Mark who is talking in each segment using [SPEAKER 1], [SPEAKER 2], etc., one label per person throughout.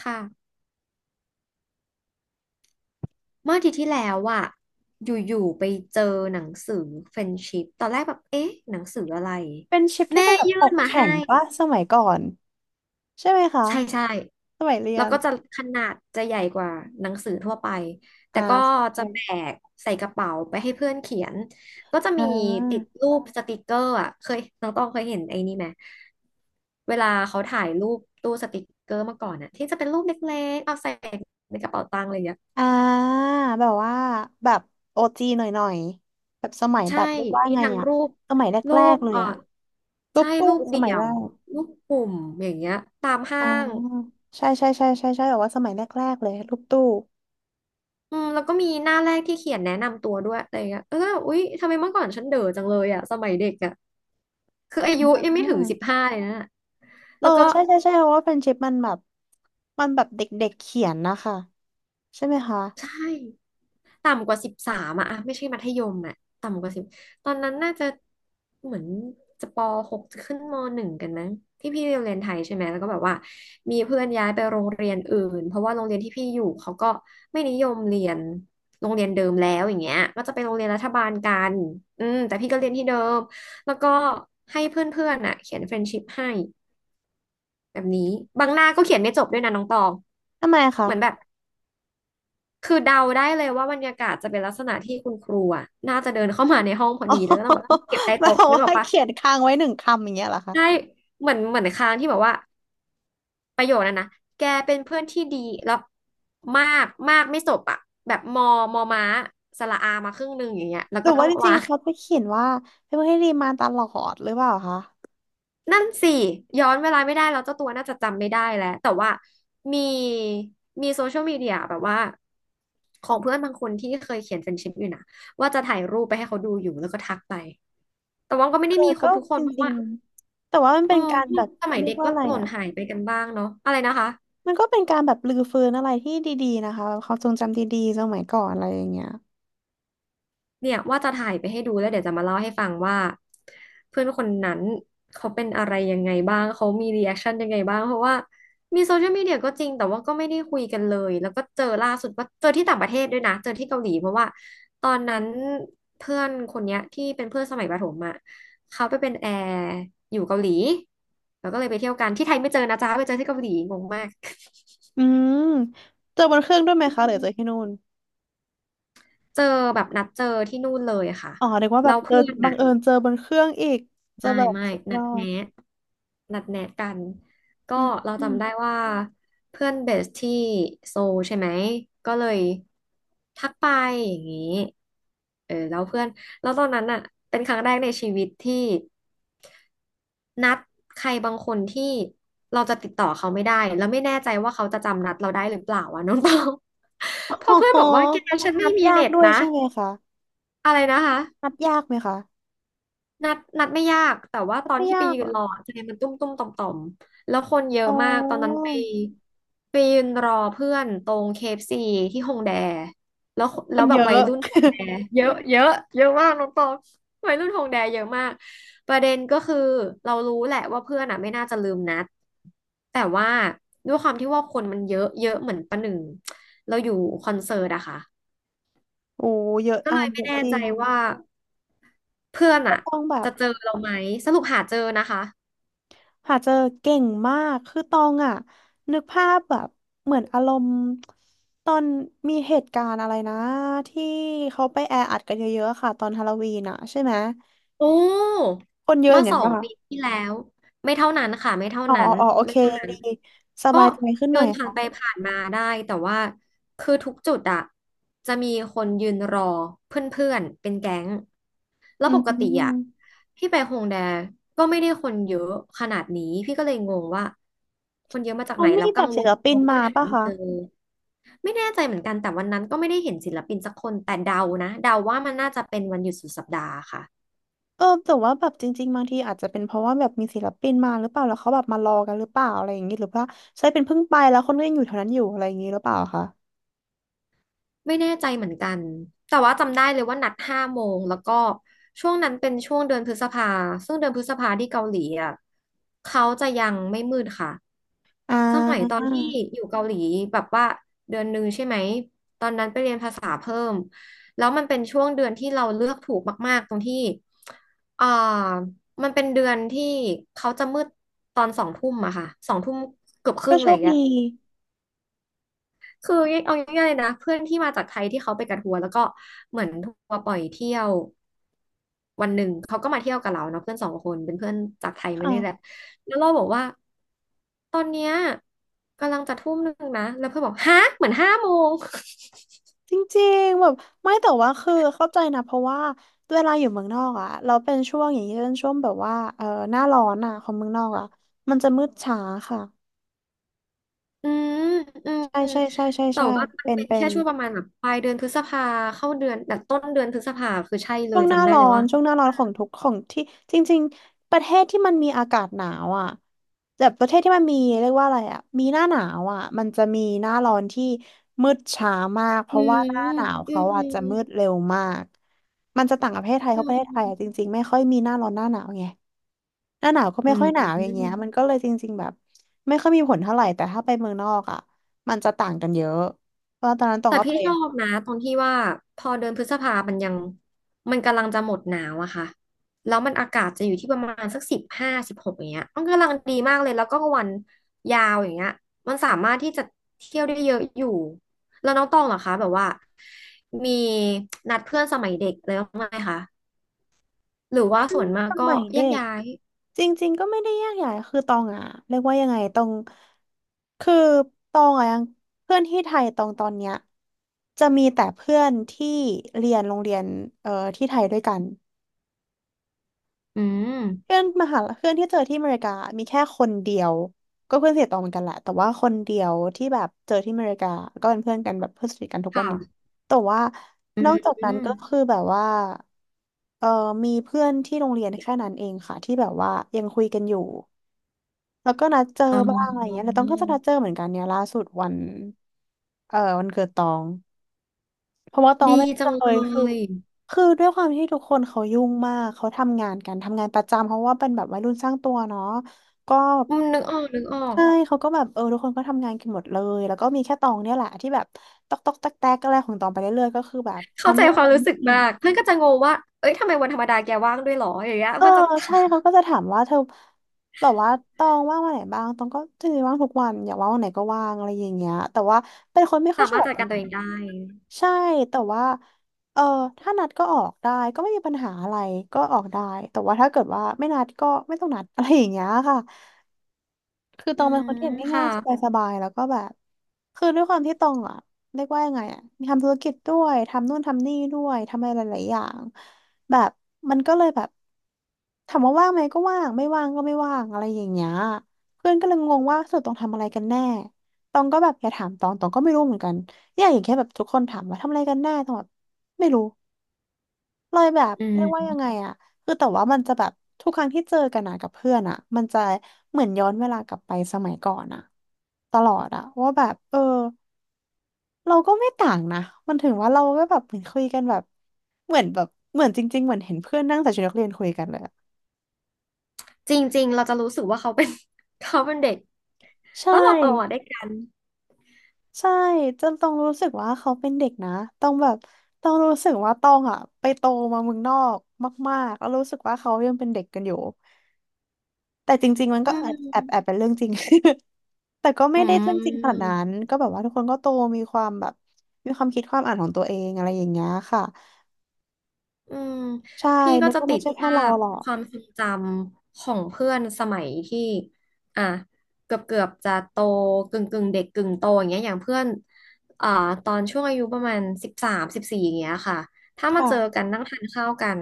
[SPEAKER 1] ค่ะเมื่ออาทิตย์ที่แล้วอ่ะอยู่ๆไปเจอหนังสือเฟรนด์ชิพตอนแรกแบบเอ๊ะหนังสืออะไร
[SPEAKER 2] เป็นชิปที่
[SPEAKER 1] แม่
[SPEAKER 2] เป็นแบบ
[SPEAKER 1] ยื่
[SPEAKER 2] ป
[SPEAKER 1] น
[SPEAKER 2] ก
[SPEAKER 1] มา
[SPEAKER 2] แข็
[SPEAKER 1] ให้
[SPEAKER 2] งปะสมัยก่อนใช่ไหมคะ
[SPEAKER 1] ใช่ใช่
[SPEAKER 2] สมัยเรีย
[SPEAKER 1] แล้ว
[SPEAKER 2] น
[SPEAKER 1] ก็จะขนาดจะใหญ่กว่าหนังสือทั่วไปแต่
[SPEAKER 2] อ่า
[SPEAKER 1] ก็จะแบ
[SPEAKER 2] ใช่
[SPEAKER 1] กใส่กระเป๋าไปให้เพื่อนเขียนก็จะ
[SPEAKER 2] อ่
[SPEAKER 1] มีติด
[SPEAKER 2] า
[SPEAKER 1] รูปสติกเกอร์อ่ะเคยน้องต้องเคยเห็นไอ้นี่ไหมเวลาเขาถ่ายรูปตู้สติกเกอร์เมื่อก่อนอ่ะที่จะเป็นรูปเล็กๆเอาใส่ในกระเป๋าตังค์อะไรอย่างเงี้ย
[SPEAKER 2] อ่าแบบว่าแบบโอจีหน่อยๆแบบสมัยแบ
[SPEAKER 1] ใช่
[SPEAKER 2] บเรียกว่า
[SPEAKER 1] มี
[SPEAKER 2] ไง
[SPEAKER 1] ทั้ง
[SPEAKER 2] อะ
[SPEAKER 1] รูป
[SPEAKER 2] สมัยแร
[SPEAKER 1] รู
[SPEAKER 2] ก
[SPEAKER 1] ป
[SPEAKER 2] ๆเลยอะรู
[SPEAKER 1] ใช่
[SPEAKER 2] ปตู้
[SPEAKER 1] รูป
[SPEAKER 2] ส
[SPEAKER 1] เดี่
[SPEAKER 2] มัย
[SPEAKER 1] ย
[SPEAKER 2] แร
[SPEAKER 1] ว
[SPEAKER 2] ก
[SPEAKER 1] รูปกลุ่ม อย่างเงี้ย ตามห้า
[SPEAKER 2] อ่า
[SPEAKER 1] ง
[SPEAKER 2] ใช่ใช่ใช่ใช่ใช่แบบว่าสมัยแรกๆเลยรูปตู้
[SPEAKER 1] อืมแล้วก็มีหน้าแรกที่เขียนแนะนำตัวด้วยอะไรเงี้ยอุ๊ยทำไมเมื่อก่อนฉันเด๋อจังเลยอ่ะสมัยเด็กอ่ะคืออายุ
[SPEAKER 2] อ่
[SPEAKER 1] ยังไม่ถึงสิบ
[SPEAKER 2] า
[SPEAKER 1] ห้าเลยนะ
[SPEAKER 2] เอ
[SPEAKER 1] แล้
[SPEAKER 2] อ
[SPEAKER 1] วก็
[SPEAKER 2] ใช่ใช่ใช่เพราะว่าเป็นชิปมันแบบเด็กๆเขียนนะคะใช่ไหมคะ
[SPEAKER 1] ใช่ ต่ำกว่า13อะ ไม่ใช่มัธยมอะต่ำกว่า10ตอนนั้นน่าจะเหมือนจะปหกจะขึ้นมหนึ่งกันนะที่พี่เรียนไทยใช่ไหมแล้วก็แบบว่ามีเพื่อนย้ายไปโรงเรียนอื่นเพราะว่าโรงเรียนที่พี่อยู่เขาก็ไม่นิยมเรียนโรงเรียนเดิมแล้วอย่างเงี้ยก็จะไปโรงเรียนรัฐบาลกันอืมแต่พี่ก็เรียนที่เดิมแล้วก็ให้เพื่อนๆอ่ะเขียนเฟรนด์ชิพให้แบบนี้บางหน้าก็เขียนไม่จบด้วยนะน้องตอง
[SPEAKER 2] ทำไมคะ
[SPEAKER 1] เหมือนแบบ คือเดาได้เลยว่าบรรยากาศจะเป็นลักษณะที่คุณครูอ่ะน่าจะเดินเข้ามาในห้องพอ
[SPEAKER 2] อ๋อ
[SPEAKER 1] ดีแล้วก็ต้องแบบเก็บใต้
[SPEAKER 2] แบบ
[SPEAKER 1] โต๊ะนึกออ
[SPEAKER 2] ว่า
[SPEAKER 1] กปะ
[SPEAKER 2] เขียนค้างไว้หนึ่งคำอย่างเงี้ยเหรอคะ
[SPEAKER 1] ใช่เหมือนค้างที่แบบว่าประโยคนั้นนะแกเป็นเพื่อนที่ดีแล้วมากมากไม่จบอ่ะแบบมอมอม้าสระอามาครึ่งหนึ่งอย่างเงี้ยแล้ว
[SPEAKER 2] หรื
[SPEAKER 1] ก็
[SPEAKER 2] อ
[SPEAKER 1] ต้อ
[SPEAKER 2] ว่า
[SPEAKER 1] ง
[SPEAKER 2] จริ
[SPEAKER 1] วา
[SPEAKER 2] ง
[SPEAKER 1] ง
[SPEAKER 2] ๆเขาไปเขียนว่าเป็นผู้ให้ดีมาตลอดหรือเปล่าคะ
[SPEAKER 1] นั่นสิย้อนเวลาไม่ได้แล้วเจ้าตัวน่าจะจำไม่ได้แล้วแต่ว่ามีมีโซเชียลมีเดียแบบว่าของเพื่อนบางคนที่เคยเขียนเฟรนด์ชิพอยู่นะว่าจะถ่ายรูปไปให้เขาดูอยู่แล้วก็ทักไปแต่ว่าก็ไม่
[SPEAKER 2] เอ
[SPEAKER 1] ได้
[SPEAKER 2] อ
[SPEAKER 1] มีคร
[SPEAKER 2] ก็
[SPEAKER 1] บทุกค
[SPEAKER 2] จ
[SPEAKER 1] นเพราะ
[SPEAKER 2] ริง
[SPEAKER 1] ว่า
[SPEAKER 2] ๆแต่ว่ามัน
[SPEAKER 1] เอ
[SPEAKER 2] เป็
[SPEAKER 1] อ
[SPEAKER 2] นการแบบ
[SPEAKER 1] สมัย
[SPEAKER 2] เรียก
[SPEAKER 1] เด็ก
[SPEAKER 2] ว่า
[SPEAKER 1] ก็
[SPEAKER 2] อะไร
[SPEAKER 1] หล่น
[SPEAKER 2] อ่ะ
[SPEAKER 1] หายไปกันบ้างเนาะอะไรนะคะ
[SPEAKER 2] มันก็เป็นการแบบรื้อฟื้นอะไรที่ดีๆนะคะแบบความทรงจำดีๆสมัยก่อนอะไรอย่างเงี้ย
[SPEAKER 1] เนี่ยว่าจะถ่ายไปให้ดูแล้วเดี๋ยวจะมาเล่าให้ฟังว่าเพื่อนคนนั้นเขาเป็นอะไรยังไงบ้างเขามีรีแอคชั่นยังไงบ้างเพราะว่ามีโซเชียลมีเดียก็จริงแต่ว่าก็ไม่ได้คุยกันเลยแล้วก็เจอล่าสุดว่าเจอที่ต่างประเทศด้วยนะเจอที่เกาหลีเพราะว่าตอนนั้นเพื่อนคนเนี้ยที่เป็นเพื่อนสมัยประถมอ่ะเขาไปเป็นแอร์อยู่เกาหลีแล้วก็เลยไปเที่ยวกันที่ไทยไม่เจอนะจ๊ะไปเจอที่เกาหลีงงมาก
[SPEAKER 2] อืมเจอบนเครื่องด้วยไหม
[SPEAKER 1] อื
[SPEAKER 2] คะหรือเจอ
[SPEAKER 1] ม
[SPEAKER 2] ที่นู่น
[SPEAKER 1] เจอแบบนัดเจอที่นู่นเลยอะค่ะ
[SPEAKER 2] อ๋อเรียกว่าแบ
[SPEAKER 1] เรา
[SPEAKER 2] บเจอ
[SPEAKER 1] เพื่อน
[SPEAKER 2] บั
[SPEAKER 1] อ่ะ
[SPEAKER 2] งเอิญเจอบนเครื่องอีกเจอ
[SPEAKER 1] ไม่
[SPEAKER 2] แบบ
[SPEAKER 1] ไม่
[SPEAKER 2] สุดย
[SPEAKER 1] นั
[SPEAKER 2] อ
[SPEAKER 1] ด
[SPEAKER 2] ด
[SPEAKER 1] แนะนัดแนะกันก็
[SPEAKER 2] อืม
[SPEAKER 1] เรา
[SPEAKER 2] อืม
[SPEAKER 1] จำ ได้ว่าเพื่อนเบสที่โซลใช่ไหมก็เลยทักไปอย่างนี้เออแล้วเพื่อนแล้วตอนนั้นอ่ะเป็นครั้งแรกในชีวิตที่นัดใครบางคนที่เราจะติดต่อเขาไม่ได้แล้วไม่แน่ใจว่าเขาจะจำนัดเราได้หรือเปล่าอ่ะน้องตอง พอ
[SPEAKER 2] โอ้
[SPEAKER 1] เพื่อน
[SPEAKER 2] โห
[SPEAKER 1] บอกว่าแกฉันไม่
[SPEAKER 2] นัด
[SPEAKER 1] มี
[SPEAKER 2] ยาก
[SPEAKER 1] เน็ต
[SPEAKER 2] ด้วย
[SPEAKER 1] นะ
[SPEAKER 2] ใช่ไหมคะ
[SPEAKER 1] อะไรนะคะ
[SPEAKER 2] นัดยากไหมคะ
[SPEAKER 1] นัดไม่ยากแต่ว่า
[SPEAKER 2] นั
[SPEAKER 1] ต
[SPEAKER 2] ด
[SPEAKER 1] อน
[SPEAKER 2] ไม่
[SPEAKER 1] ที่ไป
[SPEAKER 2] ยาก
[SPEAKER 1] ยื
[SPEAKER 2] เหร
[SPEAKER 1] น
[SPEAKER 2] อ
[SPEAKER 1] รออะใจมันตุ้มตุ้มต่อมต่อมแล้วคนเยอะ
[SPEAKER 2] อ๋อ
[SPEAKER 1] มากตอนนั้นไปยืนรอเพื่อนตรง KCที่ฮงแดแล้ว
[SPEAKER 2] ค
[SPEAKER 1] แล้ว
[SPEAKER 2] น
[SPEAKER 1] แบ
[SPEAKER 2] เย
[SPEAKER 1] บวั
[SPEAKER 2] อะ
[SPEAKER 1] ยรุ่นฮง แดเยอะเยอะเยอะมากน้องตองวัยรุ่นฮงแดเยอะมากประเด็นก็คือเรารู้แหละว่าเพื่อนอ่ะไม่น่าจะลืมนัดแต่ว่าด้วยความที่ว่าคนมันเยอะเยอะเหมือนประหนึ่งเราอยู่คอนเสิร์ตอะค่ะ
[SPEAKER 2] โอ้เยอะ
[SPEAKER 1] ก็
[SPEAKER 2] อั
[SPEAKER 1] เลย
[SPEAKER 2] นเย
[SPEAKER 1] ไม่
[SPEAKER 2] อะ
[SPEAKER 1] แน่
[SPEAKER 2] จริ
[SPEAKER 1] ใจ
[SPEAKER 2] ง
[SPEAKER 1] ว่า เพื่อน
[SPEAKER 2] ก็
[SPEAKER 1] อะ
[SPEAKER 2] ตองแบบ
[SPEAKER 1] จะเจอเราไหมสรุปหาเจอนะคะ
[SPEAKER 2] หาเจอเก่งมาก คือตองอ่ะนึกภาพแบบเหมือนอารมณ์ตอนมีเหตุการณ์อะไรนะที่เขาไปแออัดกันเยอะๆค่ะตอนฮาโลวีนอ่ะใช่ไหม
[SPEAKER 1] โอ้
[SPEAKER 2] คนเยอะอ
[SPEAKER 1] เมื่อ
[SPEAKER 2] ย่าง
[SPEAKER 1] ส
[SPEAKER 2] นั้น
[SPEAKER 1] อง
[SPEAKER 2] ป่ะ
[SPEAKER 1] ปีที่แล้วไม่เท่านั้นค่ะไม่เท่า
[SPEAKER 2] อ๋อ
[SPEAKER 1] นั้
[SPEAKER 2] อ๋อ
[SPEAKER 1] น
[SPEAKER 2] อ๋อโอเค
[SPEAKER 1] ไม่เท่า
[SPEAKER 2] ยัง
[SPEAKER 1] นั้น
[SPEAKER 2] ดีส
[SPEAKER 1] ก็
[SPEAKER 2] บายใจขึ้นห
[SPEAKER 1] เดิ
[SPEAKER 2] น่อย
[SPEAKER 1] นผ่านไป
[SPEAKER 2] ค่ะ
[SPEAKER 1] ผ่านมาได้แต่ว่าคือทุกจุดอะจะมีคนยืนรอเพื่อนๆเป็นแก๊งแล้ว
[SPEAKER 2] อื
[SPEAKER 1] ปกติอะ
[SPEAKER 2] ม
[SPEAKER 1] พี่ไปฮงแดก็ไม่ได้คนเยอะขนาดนี้พี่ก็เลยงงว่าคนเยอะมาจาก
[SPEAKER 2] เขา
[SPEAKER 1] ไหน
[SPEAKER 2] มี
[SPEAKER 1] แล้ว
[SPEAKER 2] แบ
[SPEAKER 1] กั
[SPEAKER 2] บ
[SPEAKER 1] งว
[SPEAKER 2] ศิ
[SPEAKER 1] ล
[SPEAKER 2] ล
[SPEAKER 1] ก
[SPEAKER 2] ปิ
[SPEAKER 1] ลั
[SPEAKER 2] น
[SPEAKER 1] วเพื่
[SPEAKER 2] มา
[SPEAKER 1] อนหา
[SPEAKER 2] ป่ะ
[SPEAKER 1] ไม่
[SPEAKER 2] คะ
[SPEAKER 1] เจอ ไม่แน่ใจเหมือนกันแต่วันนั้นก็ไม่ได้เห็นศิลปินสักคนแต่เดานะเดาว่ามันน่าจะเป็นวันหยุดสุดสัปดาห์ค่ะ
[SPEAKER 2] เออแต่ว่าแบบจริงๆบางทีอาจจะเป็นเพราะว่าแบบมีศิลปินมาหรือเปล่าแล้วเขาแบบมารอกันหรือเปล่าอะไรอย่างงี้หรือว่าใช่เป็นเพิ่งไปแล้วคนก็ยังอยู่แถวนั้นอยู่อะไรอย่างงี้หรือเปล่าคะ
[SPEAKER 1] ไม่แน่ใจเหมือนกัน แต่ว่าจำได้เลยว่านัดห้าโมงแล้วก็ช่วงนั้นเป็นช่วงเดือนพฤษภาซึ่งเดือนพฤษภาที่เกาหลีอ่ะเขาจะยังไม่มืดค่ะ
[SPEAKER 2] อ่
[SPEAKER 1] สมัยตอ
[SPEAKER 2] า
[SPEAKER 1] นที่อยู่เกาหลีแบบว่าเดือนหนึ่งใช่ไหมตอนนั้นไปเรียนภาษาเพิ่ม แล้วมันเป็นช่วงเดือนที่เราเลือกถูกมากๆตรงที่เอ่อมันเป็นเดือนที่เขาจะมืดตอนสองทุ่มอะค่ะสองทุ่มเกือบค
[SPEAKER 2] ก็
[SPEAKER 1] รึ่งอะ
[SPEAKER 2] โช
[SPEAKER 1] ไรอ
[SPEAKER 2] ค
[SPEAKER 1] ย่าง
[SPEAKER 2] ดี
[SPEAKER 1] เงี้ย คือเอาง่ายๆเลยนะเพื่อนที่มาจากไทยที่เขาไปกับทัวร์แล้วก็เหมือนทัวร์ปล่อยเที่ยววันหนึ่งเขาก็มาเที่ยวกับเราเนาะเพื่อนสองคนเป็นเพื่อนจากไทยมานี่แหละ
[SPEAKER 2] ค่ะ
[SPEAKER 1] แล้วเราบอกว่าตอนเนี้ยกำลังจะ1 ทุ่มนะแล้วเพื่อนบอกฮะเหมือนห้าโมง
[SPEAKER 2] จริงๆแบบไม่แต่ว่าคือเข้าใจนะเพราะว่าเวลาอยู่เมืองนอกอ่ะเราเป็นช่วงอย่างนี้เป็นช่วงแบบว่าเออหน้าร้อนอ่ะของเมืองนอกอ่ะมันจะมืดช้าค่ะ
[SPEAKER 1] อืมอืม
[SPEAKER 2] ใช่
[SPEAKER 1] อืม
[SPEAKER 2] ใช่ใช่ใช่
[SPEAKER 1] แต่
[SPEAKER 2] ใช่
[SPEAKER 1] ว่ามั
[SPEAKER 2] เป็
[SPEAKER 1] น
[SPEAKER 2] น
[SPEAKER 1] เป็น
[SPEAKER 2] เป็
[SPEAKER 1] แค่
[SPEAKER 2] น
[SPEAKER 1] ช่วงประมาณแบบปลายเดือนพฤษภาเข้าเดือนแบบต้นเดือนพฤษภาคือใช่เล
[SPEAKER 2] ช่ว
[SPEAKER 1] ย
[SPEAKER 2] งหน้า
[SPEAKER 1] จำได้
[SPEAKER 2] ร้อ
[SPEAKER 1] เลย
[SPEAKER 2] น
[SPEAKER 1] ว่า
[SPEAKER 2] ช่วงหน้าร้อนของทุกของที่จริงๆประเทศที่มันมีอากาศหนาวอ่ะแบบประเทศที่มันมีเรียกว่าอะไรอ่ะมีหน้าหนาวอ่ะมันจะมีหน้าร้อนที่มืดช้ามากเพ
[SPEAKER 1] อื
[SPEAKER 2] ราะว่าหน้า
[SPEAKER 1] ม
[SPEAKER 2] หนาว
[SPEAKER 1] อื
[SPEAKER 2] เขาอาจจะมื
[SPEAKER 1] ม
[SPEAKER 2] ดเร็วมากมันจะต่างกับประเทศไทยเพ
[SPEAKER 1] อื
[SPEAKER 2] ราะประเทศไทยอ่ะ
[SPEAKER 1] ม
[SPEAKER 2] จริงๆไม่ค่อยมีหน้าร้อนหน้าหนาวไงหน้าหนาวก็
[SPEAKER 1] อื
[SPEAKER 2] ไม่ค่
[SPEAKER 1] ม
[SPEAKER 2] อยหนาวอย่างเงี้ยมันก็เลยจริงๆแบบไม่ค่อยมีผลเท่าไหร่แต่ถ้าไปเมืองนอกอ่ะมันจะต่างกันเยอะเพราะตอนนั้นตอ
[SPEAKER 1] แต่
[SPEAKER 2] งก็
[SPEAKER 1] พี่
[SPEAKER 2] เป็
[SPEAKER 1] ช
[SPEAKER 2] น
[SPEAKER 1] อบนะตรงที่ว่าพอเดือนพฤษภามันยังมันกำลังจะหมดหนาวอะค่ะแล้วมันอากาศจะอยู่ที่ประมาณสัก15-16อย่างเงี้ยมันกำลังดีมากเลยแล้วก็วันยาวอย่างเงี้ยมันสามารถที่จะเที่ยวได้เยอะอยู่แล้วน้องตองเหรอคะแบบว่ามีนัดเพื่อนสมัยเด็กเลยบ้างไหมคะหรือว่า
[SPEAKER 2] อื
[SPEAKER 1] ส่ว
[SPEAKER 2] ม
[SPEAKER 1] นมาก
[SPEAKER 2] ส
[SPEAKER 1] ก็
[SPEAKER 2] มัย
[SPEAKER 1] แย
[SPEAKER 2] เด็
[SPEAKER 1] ก
[SPEAKER 2] ก
[SPEAKER 1] ย้าย
[SPEAKER 2] จริงๆก็ไม่ได้ยากใหญ่คือตองอ่ะเรียกว่ายังไงตองคือตองอ่ะยังเพื่อนที่ไทยตองตอนเนี้ยจะมีแต่เพื่อนที่เรียนโรงเรียนเอ่อที่ไทยด้วยกัน
[SPEAKER 1] อืม
[SPEAKER 2] เพื่อนมหาลัยเพื่อนที่เจอที่อเมริกามีแค่คนเดียวก็เพื่อนสนิทตองเหมือนกันแหละแต่ว่าคนเดียวที่แบบเจอที่อเมริกาก็เป็นเพื่อนกันแบบเพื่อนสนิทกันทุกวันนี้
[SPEAKER 1] ค่ะ
[SPEAKER 2] แต่ว่า
[SPEAKER 1] อื
[SPEAKER 2] นอกจากนั้นก็
[SPEAKER 1] ม
[SPEAKER 2] คือแบบว่าเออมีเพื่อนที่โรงเรียนแค่นั้นเองค่ะที่แบบว่ายังคุยกันอยู่แล้วก็นัดเจอ
[SPEAKER 1] อ๋
[SPEAKER 2] บ้างอะไรเงี้
[SPEAKER 1] อ
[SPEAKER 2] ยแต่ต้องก็จะนัดเจอเหมือนกันเนี่ยล่าสุดวันเออวันเกิดตอง เพราะว่าตอง
[SPEAKER 1] ดี
[SPEAKER 2] ไม่
[SPEAKER 1] จั
[SPEAKER 2] ได้
[SPEAKER 1] งเล
[SPEAKER 2] เลยคือ
[SPEAKER 1] ย
[SPEAKER 2] คือด้วยความที่ทุกคนเขายุ่งมากเขาทำงานกันทำงานประจำเพราะว่าเป็นแบบวัยรุ่นสร้างตัวเนาะก็
[SPEAKER 1] อืมนึกออกนึกออก
[SPEAKER 2] ใช่เขาก็แบบเออทุกคนก็ทำงานกันหมดเลยแล้วก็มีแค่ตองเนี่ยแหละที่แบบตอกตอกแตกแตกอะไรของตองไปเรื่อยๆก็คือแบบ
[SPEAKER 1] เข้า
[SPEAKER 2] ทำ
[SPEAKER 1] ใจ
[SPEAKER 2] ไม่
[SPEAKER 1] ค
[SPEAKER 2] เป็
[SPEAKER 1] วา
[SPEAKER 2] น
[SPEAKER 1] มรู้สึกมากเพื่อนก็จะงงว่า เอ้ยทำไมวันธรรมดาแกว่างด้วยหรออย่างเงี้ย
[SPEAKER 2] เออ
[SPEAKER 1] เพื่อนจะ
[SPEAKER 2] ใช่เขาก็จะถามว่าเธอแบบว่าตองว่างวันไหนบ้างตองก็จริงๆว่างทุกวันอยากว่างวันไหนก็ว่างอะไรอย่างเงี้ยแต่ว่าเป็นคนไม่ค่อย
[SPEAKER 1] สา
[SPEAKER 2] ชอ
[SPEAKER 1] มา
[SPEAKER 2] บ
[SPEAKER 1] รถ
[SPEAKER 2] ออก
[SPEAKER 1] จัด
[SPEAKER 2] ไป
[SPEAKER 1] การ
[SPEAKER 2] ไห
[SPEAKER 1] ตั
[SPEAKER 2] น
[SPEAKER 1] วเองได้
[SPEAKER 2] ใช่แต่ว่าเออถ้านัดก็ออกได้ก็ไม่มีปัญหาอะไรก็ออกได้แต่ว่าถ้าเกิดว่าไม่นัดก็ไม่ต้องนัดอะไรอย่างเงี้ยค่ะ คือต
[SPEAKER 1] อื
[SPEAKER 2] องเป็นค
[SPEAKER 1] ม
[SPEAKER 2] นที่แบบ
[SPEAKER 1] ค่ะ
[SPEAKER 2] ง่ายๆสบายๆแล้วก็แบบคือด้วยความที่ตองอ่ะเรียกว่ายังไงอ่ะมีทำธุรกิจด้วยทำนู่นทำนี่ด้วยทำอะไรหลายๆอย่างแบบมันก็เลยแบบถามว่าว่างไหมก็ว่างไม่ว่างก็ไม่ว่างอะไรอย่างเงี้ยเพื่อนก็เลยงงว่าสรุดตองทำอะไรกันแน่ตองก็แบบอย่าถามตองตองก็ไม่รู้เหมือนกันเนี่ยอย่างแค่แบบทุกคนถามว่าทำอะไรกันแน่ตองแบบไม่รู้ เลยแบบ
[SPEAKER 1] อื
[SPEAKER 2] เรี
[SPEAKER 1] ม
[SPEAKER 2] ยกว่ายังไงอะคือแต่ว่ามันจะแบบทุกครั้งที่เจอกันนะกับเพื่อนอะมันจะเหมือนย้อนเวลากลับไปสมัยก่อนอะตลอดอะว่าแบบเราก็ไม่ต่างนะมันถึงว่าเราก็แบบเหมือนคุยกันแบบเหมือนแบบเหมือนจริงๆเหมือนเห็นเพื่อนนั่งใส่ชุดนักเรียนคุยกันเลยอะ
[SPEAKER 1] จริงๆเราจะรู้สึกว่าเขาเป็น เขาเป็นเด็ก
[SPEAKER 2] ใช่
[SPEAKER 1] แล้วเราโตอ่ะด้วยกัน
[SPEAKER 2] ใช่จนต้องรู้สึกว่าเขาเป็นเด็กนะต้องแบบต้องรู้สึกว่าต้องอะไปโตมาเมืองนอกมากๆแล้วรู้สึกว่าเขายังเป็นเด็กกันอยู่แต่จริงๆมัน
[SPEAKER 1] อื
[SPEAKER 2] ก็แอบแอบแอบเป็
[SPEAKER 1] ม
[SPEAKER 2] นเรื่องจริง แต่ก็ไม่
[SPEAKER 1] อื
[SPEAKER 2] ได้เรื่องจริงขนาดนั้
[SPEAKER 1] ม
[SPEAKER 2] นก็แบบว่าทุกคนก็โตมีความแบบมีความคิดความอ่านของตัวเองอะไรอย่างเงี้ยค่ะ
[SPEAKER 1] อืม
[SPEAKER 2] ใช่
[SPEAKER 1] พี่ก็
[SPEAKER 2] แล้ว
[SPEAKER 1] จะ
[SPEAKER 2] ก็
[SPEAKER 1] ติ
[SPEAKER 2] ไม่
[SPEAKER 1] ด
[SPEAKER 2] ใช่แค่
[SPEAKER 1] ภา
[SPEAKER 2] เรา
[SPEAKER 1] พ
[SPEAKER 2] หรอ
[SPEAKER 1] ความ
[SPEAKER 2] ก
[SPEAKER 1] ทรงจำของเพื่อนสมัยที่อ่ะเกือบเกือบจะโตกึ่งกึ่งเด็กกึ่งโตอย่างเงี้ยอย่างเพื่อนอ่าตอนช่วงอายุประมาณ13-14อย่างเงี้ยค่ะถ้ามา
[SPEAKER 2] ค่ะ
[SPEAKER 1] เจอกันนั่งทานข้าวกัน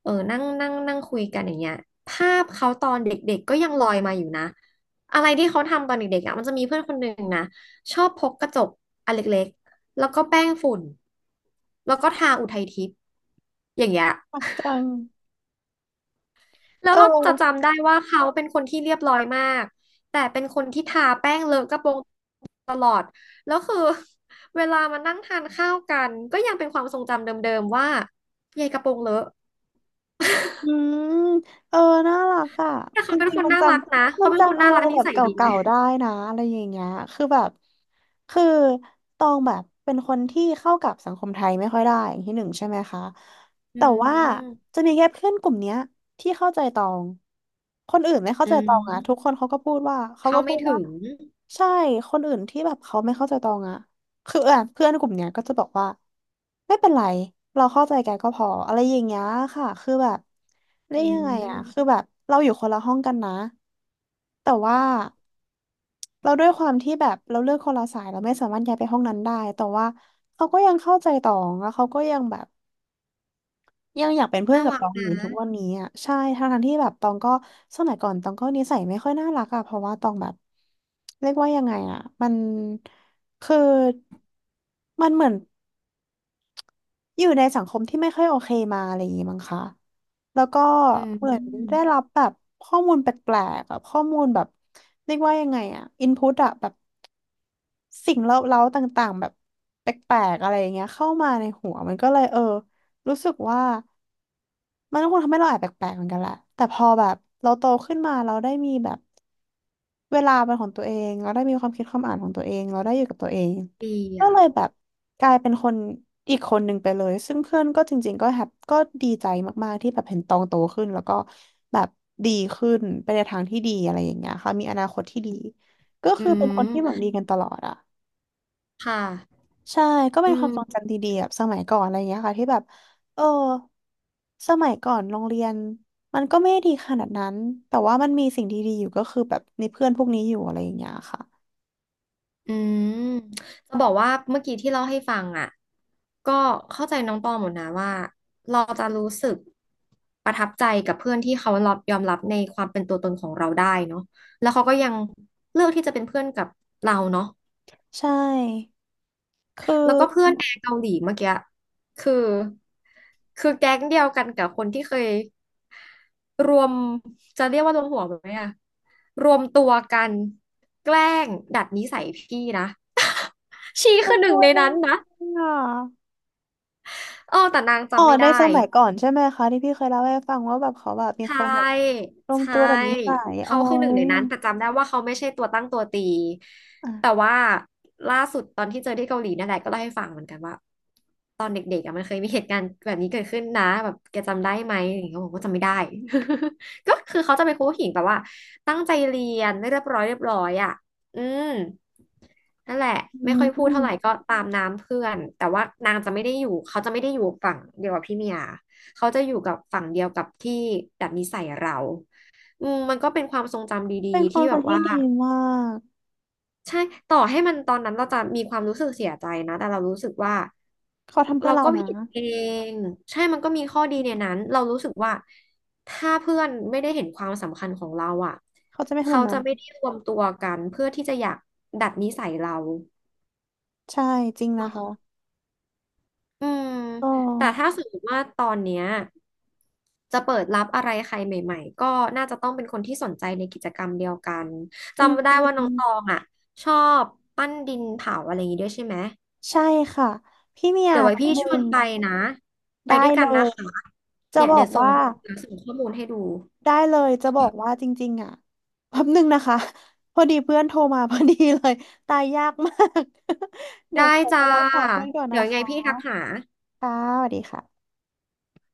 [SPEAKER 1] เออนั่งนั่งนั่งคุยกันอย่างเงี้ยภาพเขาตอนเด็กๆก็ยังลอยมาอยู่นะอะไรที่เขาทำตอนเด็กๆอ่ะมันจะมีเพื่อนคนหนึ่งนะชอบพกกระจกอันเล็ก แล้วก็แป้งฝุ่น แล้วก็ทาอุทัยทิพย์อย่างเงี้ย
[SPEAKER 2] มักจัง
[SPEAKER 1] แล้ว
[SPEAKER 2] เอ
[SPEAKER 1] เราจะ
[SPEAKER 2] อ
[SPEAKER 1] จำได้ว่าเขาเป็นคนที่เรียบร้อยมาก แต่เป็นคนที่ทาแป้งเลอะกระโปรงตลอดแล้วคือ เวลามานั่งทานข้าวกันก็ยังเป็นความทรงจำเดิมๆว่ายายกระโปรงเลอะ
[SPEAKER 2] อืมเออน่ารักอ่ะ
[SPEAKER 1] แต่
[SPEAKER 2] จ
[SPEAKER 1] เขาเป็น
[SPEAKER 2] ริง
[SPEAKER 1] คน
[SPEAKER 2] ๆมัน
[SPEAKER 1] น่า
[SPEAKER 2] จ
[SPEAKER 1] รักนะ
[SPEAKER 2] ำมั
[SPEAKER 1] เขา
[SPEAKER 2] น
[SPEAKER 1] เป็นคน
[SPEAKER 2] จำอะ
[SPEAKER 1] น่า
[SPEAKER 2] ไร
[SPEAKER 1] รักนิ
[SPEAKER 2] แบบ
[SPEAKER 1] สัย
[SPEAKER 2] เก
[SPEAKER 1] ดีเล
[SPEAKER 2] ่า
[SPEAKER 1] ย
[SPEAKER 2] ๆได้นะอะไรอย่างเงี้ยคือแบบคือตองแบบเป็นคนที่เข้ากับสังคมไทยไม่ค่อยได้อย่างที่หนึ่งใช่ไหมคะ
[SPEAKER 1] อื
[SPEAKER 2] แต่ว่า
[SPEAKER 1] ม
[SPEAKER 2] จะมีแค่เพื่อนกลุ่มเนี้ยที่เข้าใจตองคนอื่นไม่เข้า
[SPEAKER 1] อื
[SPEAKER 2] ใจตองอะทุก
[SPEAKER 1] ม
[SPEAKER 2] คนเขาก็พูดว่าเขา
[SPEAKER 1] เข้า
[SPEAKER 2] ก็พู
[SPEAKER 1] ไม่
[SPEAKER 2] ดว่า
[SPEAKER 1] ถึง
[SPEAKER 2] ใช่คนอื่นที่แบบเขาไม่เข้าใจตองอะ คืออ่ะเพื่อนกลุ่มเนี้ยก็จะบอกว่าไม่เป็นไรเราเข้าใจกันก็พออะไรอย่างเงี้ยค่ะคือแบบได้
[SPEAKER 1] อื
[SPEAKER 2] ยังไงมอ่ะคื
[SPEAKER 1] ม
[SPEAKER 2] อแบบเราอยู่คนละห้องกันนะแต่ว่าเราด้วยความที่แบบเราเลือกคนละสายเราไม่สามารถย้ายไปห้องนั้นได้แต่ว่าเขาก็ยังเข้าใจต่อแล้วเขาก็ยังแบบ ยังอยากเป็นเพื่อน
[SPEAKER 1] น่า
[SPEAKER 2] กับ
[SPEAKER 1] รั
[SPEAKER 2] ต
[SPEAKER 1] ก
[SPEAKER 2] องอยู่
[SPEAKER 1] นะ
[SPEAKER 2] ทุกวันนี้อ่ะใช่ทั้งทที่แบบตองก็สมัยก่อนตองก็นิสัยไม่ค่อยน่ารักอ่ะเพราะว่าตองแบบเรียกว่ายังไงอ่ะมันคือมันเหมือนอยู่ในสังคมที่ไม่ค่อยโอเคมาอะไรอย่างงี้มั้งคะแล้วก็
[SPEAKER 1] อื
[SPEAKER 2] เหมือนได้
[SPEAKER 1] ม
[SPEAKER 2] รับแบบข้อมูลแปลกๆอะข้อมูลแบบเรียกว่ายังไงอ่ะอินพุตอะแบบสิ่งเล้าๆต่างๆแบบแปลกๆอะไรอย่างเงี้ยเข้ามาในหัวมันก็เลยรู้สึกว่า มันก็คงทำให้เราแอบแปลกๆเหมือนกันแหละแต่พอแบบเราโตขึ้นมาเราได้มีแบบเวลาเป็นของตัวเองเราได้มีความคิดความอ่านของตัวเองเราได้อยู่กับตัวเอง
[SPEAKER 1] ดี
[SPEAKER 2] ก็
[SPEAKER 1] อ่ะ
[SPEAKER 2] เลยแบบกลายเป็นคนอีกคนหนึ่งไปเลยซึ่งเพื่อนก็จริงๆก็แฮปก็ดีใจมากๆที่แบบเห็นตองโตขึ้นแล้วก็แบบดีขึ้นไปในทางที่ดีอะไรอย่างเงี้ยค่ะมีอนาคตที่ดีก็
[SPEAKER 1] อื
[SPEAKER 2] คือเป็นคนที่หวัง
[SPEAKER 1] ม
[SPEAKER 2] ดีกันตลอดอะ
[SPEAKER 1] ค่ะ
[SPEAKER 2] ใช่ก็เป็
[SPEAKER 1] อื
[SPEAKER 2] นความทรง
[SPEAKER 1] ม
[SPEAKER 2] จำดีๆแบบสมัยก่อนอะไรอย่างเงี้ยค่ะที่แบบเออสมัยก่อนโรงเรียนมันก็ไม่ได้ดีขนาดนั้นแต่ว่ามันมีสิ่งดีๆอยู่ก็คือแบบในเพื่อนพวกนี้อยู่อะไรอย่างเงี้ยค่ะ
[SPEAKER 1] อืมจะบอกว่าเมื่อกี้ที่เล่าให้ฟังอ่ะก็เข้าใจน้องตองหมดนะว่าเราจะรู้สึกประทับใจกับเพื่อนที่เขารับยอมรับในความเป็นตัวตนของเราได้เนาะแล้วเขาก็ยังเลือกที่จะเป็นเพื่อนกับเราเนาะ
[SPEAKER 2] ใช่คื
[SPEAKER 1] แล้ว
[SPEAKER 2] อ
[SPEAKER 1] ก็เพื่อนแอร์เกาหลีเมื่อกี้คือคือแก๊งเดียวกันกับคนที่เคยรวมจะเรียกว่ารวมหัวไหมอะรวมตัวกันแกล้งดัดนิสัยพี่นะชี
[SPEAKER 2] มั
[SPEAKER 1] คื
[SPEAKER 2] น
[SPEAKER 1] อหนึ่
[SPEAKER 2] ตั
[SPEAKER 1] ง
[SPEAKER 2] วย
[SPEAKER 1] ใน
[SPEAKER 2] ยัง
[SPEAKER 1] นั้น
[SPEAKER 2] ไง
[SPEAKER 1] นะ
[SPEAKER 2] อ่ะ
[SPEAKER 1] เออแต่นาง
[SPEAKER 2] อ๋อ
[SPEAKER 1] จำไม่
[SPEAKER 2] ใน
[SPEAKER 1] ได้
[SPEAKER 2] สมัยก่อนใช่ไหมคะที่พี่เคยเล่าให้ฟังว่าแบบเขาแบบมี
[SPEAKER 1] ใช
[SPEAKER 2] คนแบบ
[SPEAKER 1] ่
[SPEAKER 2] รวม
[SPEAKER 1] ใช่
[SPEAKER 2] ตัวแบบนิสัยอ๋
[SPEAKER 1] เขา
[SPEAKER 2] อ
[SPEAKER 1] คือหนึ่งใน
[SPEAKER 2] ย
[SPEAKER 1] นั้นแต่จำได้ว่าเขาไม่ใช่ตัวตั้งตัวตี
[SPEAKER 2] อ่ะ
[SPEAKER 1] แต่ว่าล่าสุดตอนที่เจอที่เกาหลีนั่นแหละก็เล่าให้ฟังเหมือนกันว่าตอนเด็กๆอะมันเคยมีเหตุการณ์แบบนี้เกิดขึ้นนะแบบแกจำได้ไหมอย่างเงี้ยผมก็จำไม่ได้ ก็คือเขาจะเป็นครูผู้หญิงแบบว่าตั้งใจเรียนเรียบร้อยเรียบร้อยอ่ะอืมนั่นแหละไม่
[SPEAKER 2] อื
[SPEAKER 1] ค่อยพูดเท่าไหร่ก็
[SPEAKER 2] ม
[SPEAKER 1] ตามน้ำเพื่อนแต่ว่านางจะไม่ได้อยู่เขาจะไม่ได้อยู่ฝั่งเดียวกับพี่เมีย เขาจะอยู่กับฝั่งเดียวกับที่ดัดนิสัยเราอืมมันก็เป็นความทรงจำดี
[SPEAKER 2] เป็น
[SPEAKER 1] ๆ
[SPEAKER 2] ควา
[SPEAKER 1] ที่
[SPEAKER 2] ม
[SPEAKER 1] แบ
[SPEAKER 2] สัม
[SPEAKER 1] บ
[SPEAKER 2] พัน
[SPEAKER 1] ว่า
[SPEAKER 2] ธ์ที่ดีมาก
[SPEAKER 1] ใช่ต่อให้มันตอนนั้นเราจะมีความรู้สึกเสียใจนะแต่เรารู้สึกว่า
[SPEAKER 2] เขาทำเพื่
[SPEAKER 1] เรา
[SPEAKER 2] อเรา
[SPEAKER 1] ก็
[SPEAKER 2] นะ
[SPEAKER 1] ผิดเองใช่มันก็มีข้อดีในนั้นเรารู้สึกว่าถ้าเพื่อนไม่ได้เห็นความสำคัญของเราอ่ะ
[SPEAKER 2] เขาจะไม่ทำแบ
[SPEAKER 1] เขา
[SPEAKER 2] บนั้
[SPEAKER 1] จะ
[SPEAKER 2] น
[SPEAKER 1] ไม่ได้รวมตัวกันเพื่อที่จะอยากดัดนิสัยเรา
[SPEAKER 2] ใช่จริงนะคะ
[SPEAKER 1] อืม
[SPEAKER 2] อ๋
[SPEAKER 1] แต่
[SPEAKER 2] อ
[SPEAKER 1] ถ้าสมมติว่าตอนเนี้ยจะเปิดรับอะไรใครใหม่ๆก็น่าจะต้องเป็นคนที่สนใจในกิจกรรมเดียวกัน
[SPEAKER 2] จริ
[SPEAKER 1] จำได้ว่าน้อง
[SPEAKER 2] ง
[SPEAKER 1] ตองอ่ะชอบปั้นดินเผาอะไรอย่างงี้ด้วยใช่ไหม
[SPEAKER 2] ๆใช่ค่ะพี่เมีย
[SPEAKER 1] เดี๋ยวไว้
[SPEAKER 2] แป๊บ
[SPEAKER 1] พี่
[SPEAKER 2] ห
[SPEAKER 1] ช
[SPEAKER 2] นึ่
[SPEAKER 1] วน
[SPEAKER 2] ง
[SPEAKER 1] ไปนะไป
[SPEAKER 2] ได้
[SPEAKER 1] ด้วยกั
[SPEAKER 2] เล
[SPEAKER 1] นนะ
[SPEAKER 2] ย
[SPEAKER 1] คะ
[SPEAKER 2] จะ
[SPEAKER 1] เนี่ย
[SPEAKER 2] บอ
[SPEAKER 1] เดี๋ย
[SPEAKER 2] ก
[SPEAKER 1] วส่ง
[SPEAKER 2] ว่า
[SPEAKER 1] เดี๋ยวส่งข้อมูลให้ดู
[SPEAKER 2] ได้เลยจะบอกว่าจริงๆอ่ะแป๊บหนึ่งนะคะพอดีเพื่อนโทรมาพอดีเลยตายยากมาก เดี๋ย
[SPEAKER 1] ได้
[SPEAKER 2] วขอไป
[SPEAKER 1] จ้า
[SPEAKER 2] รับสายเพื่อนก่อน
[SPEAKER 1] เดี๋
[SPEAKER 2] นะ
[SPEAKER 1] ยวยังไง
[SPEAKER 2] คะ
[SPEAKER 1] พี่ทักหา
[SPEAKER 2] ค่ะสวัสดีค่ะ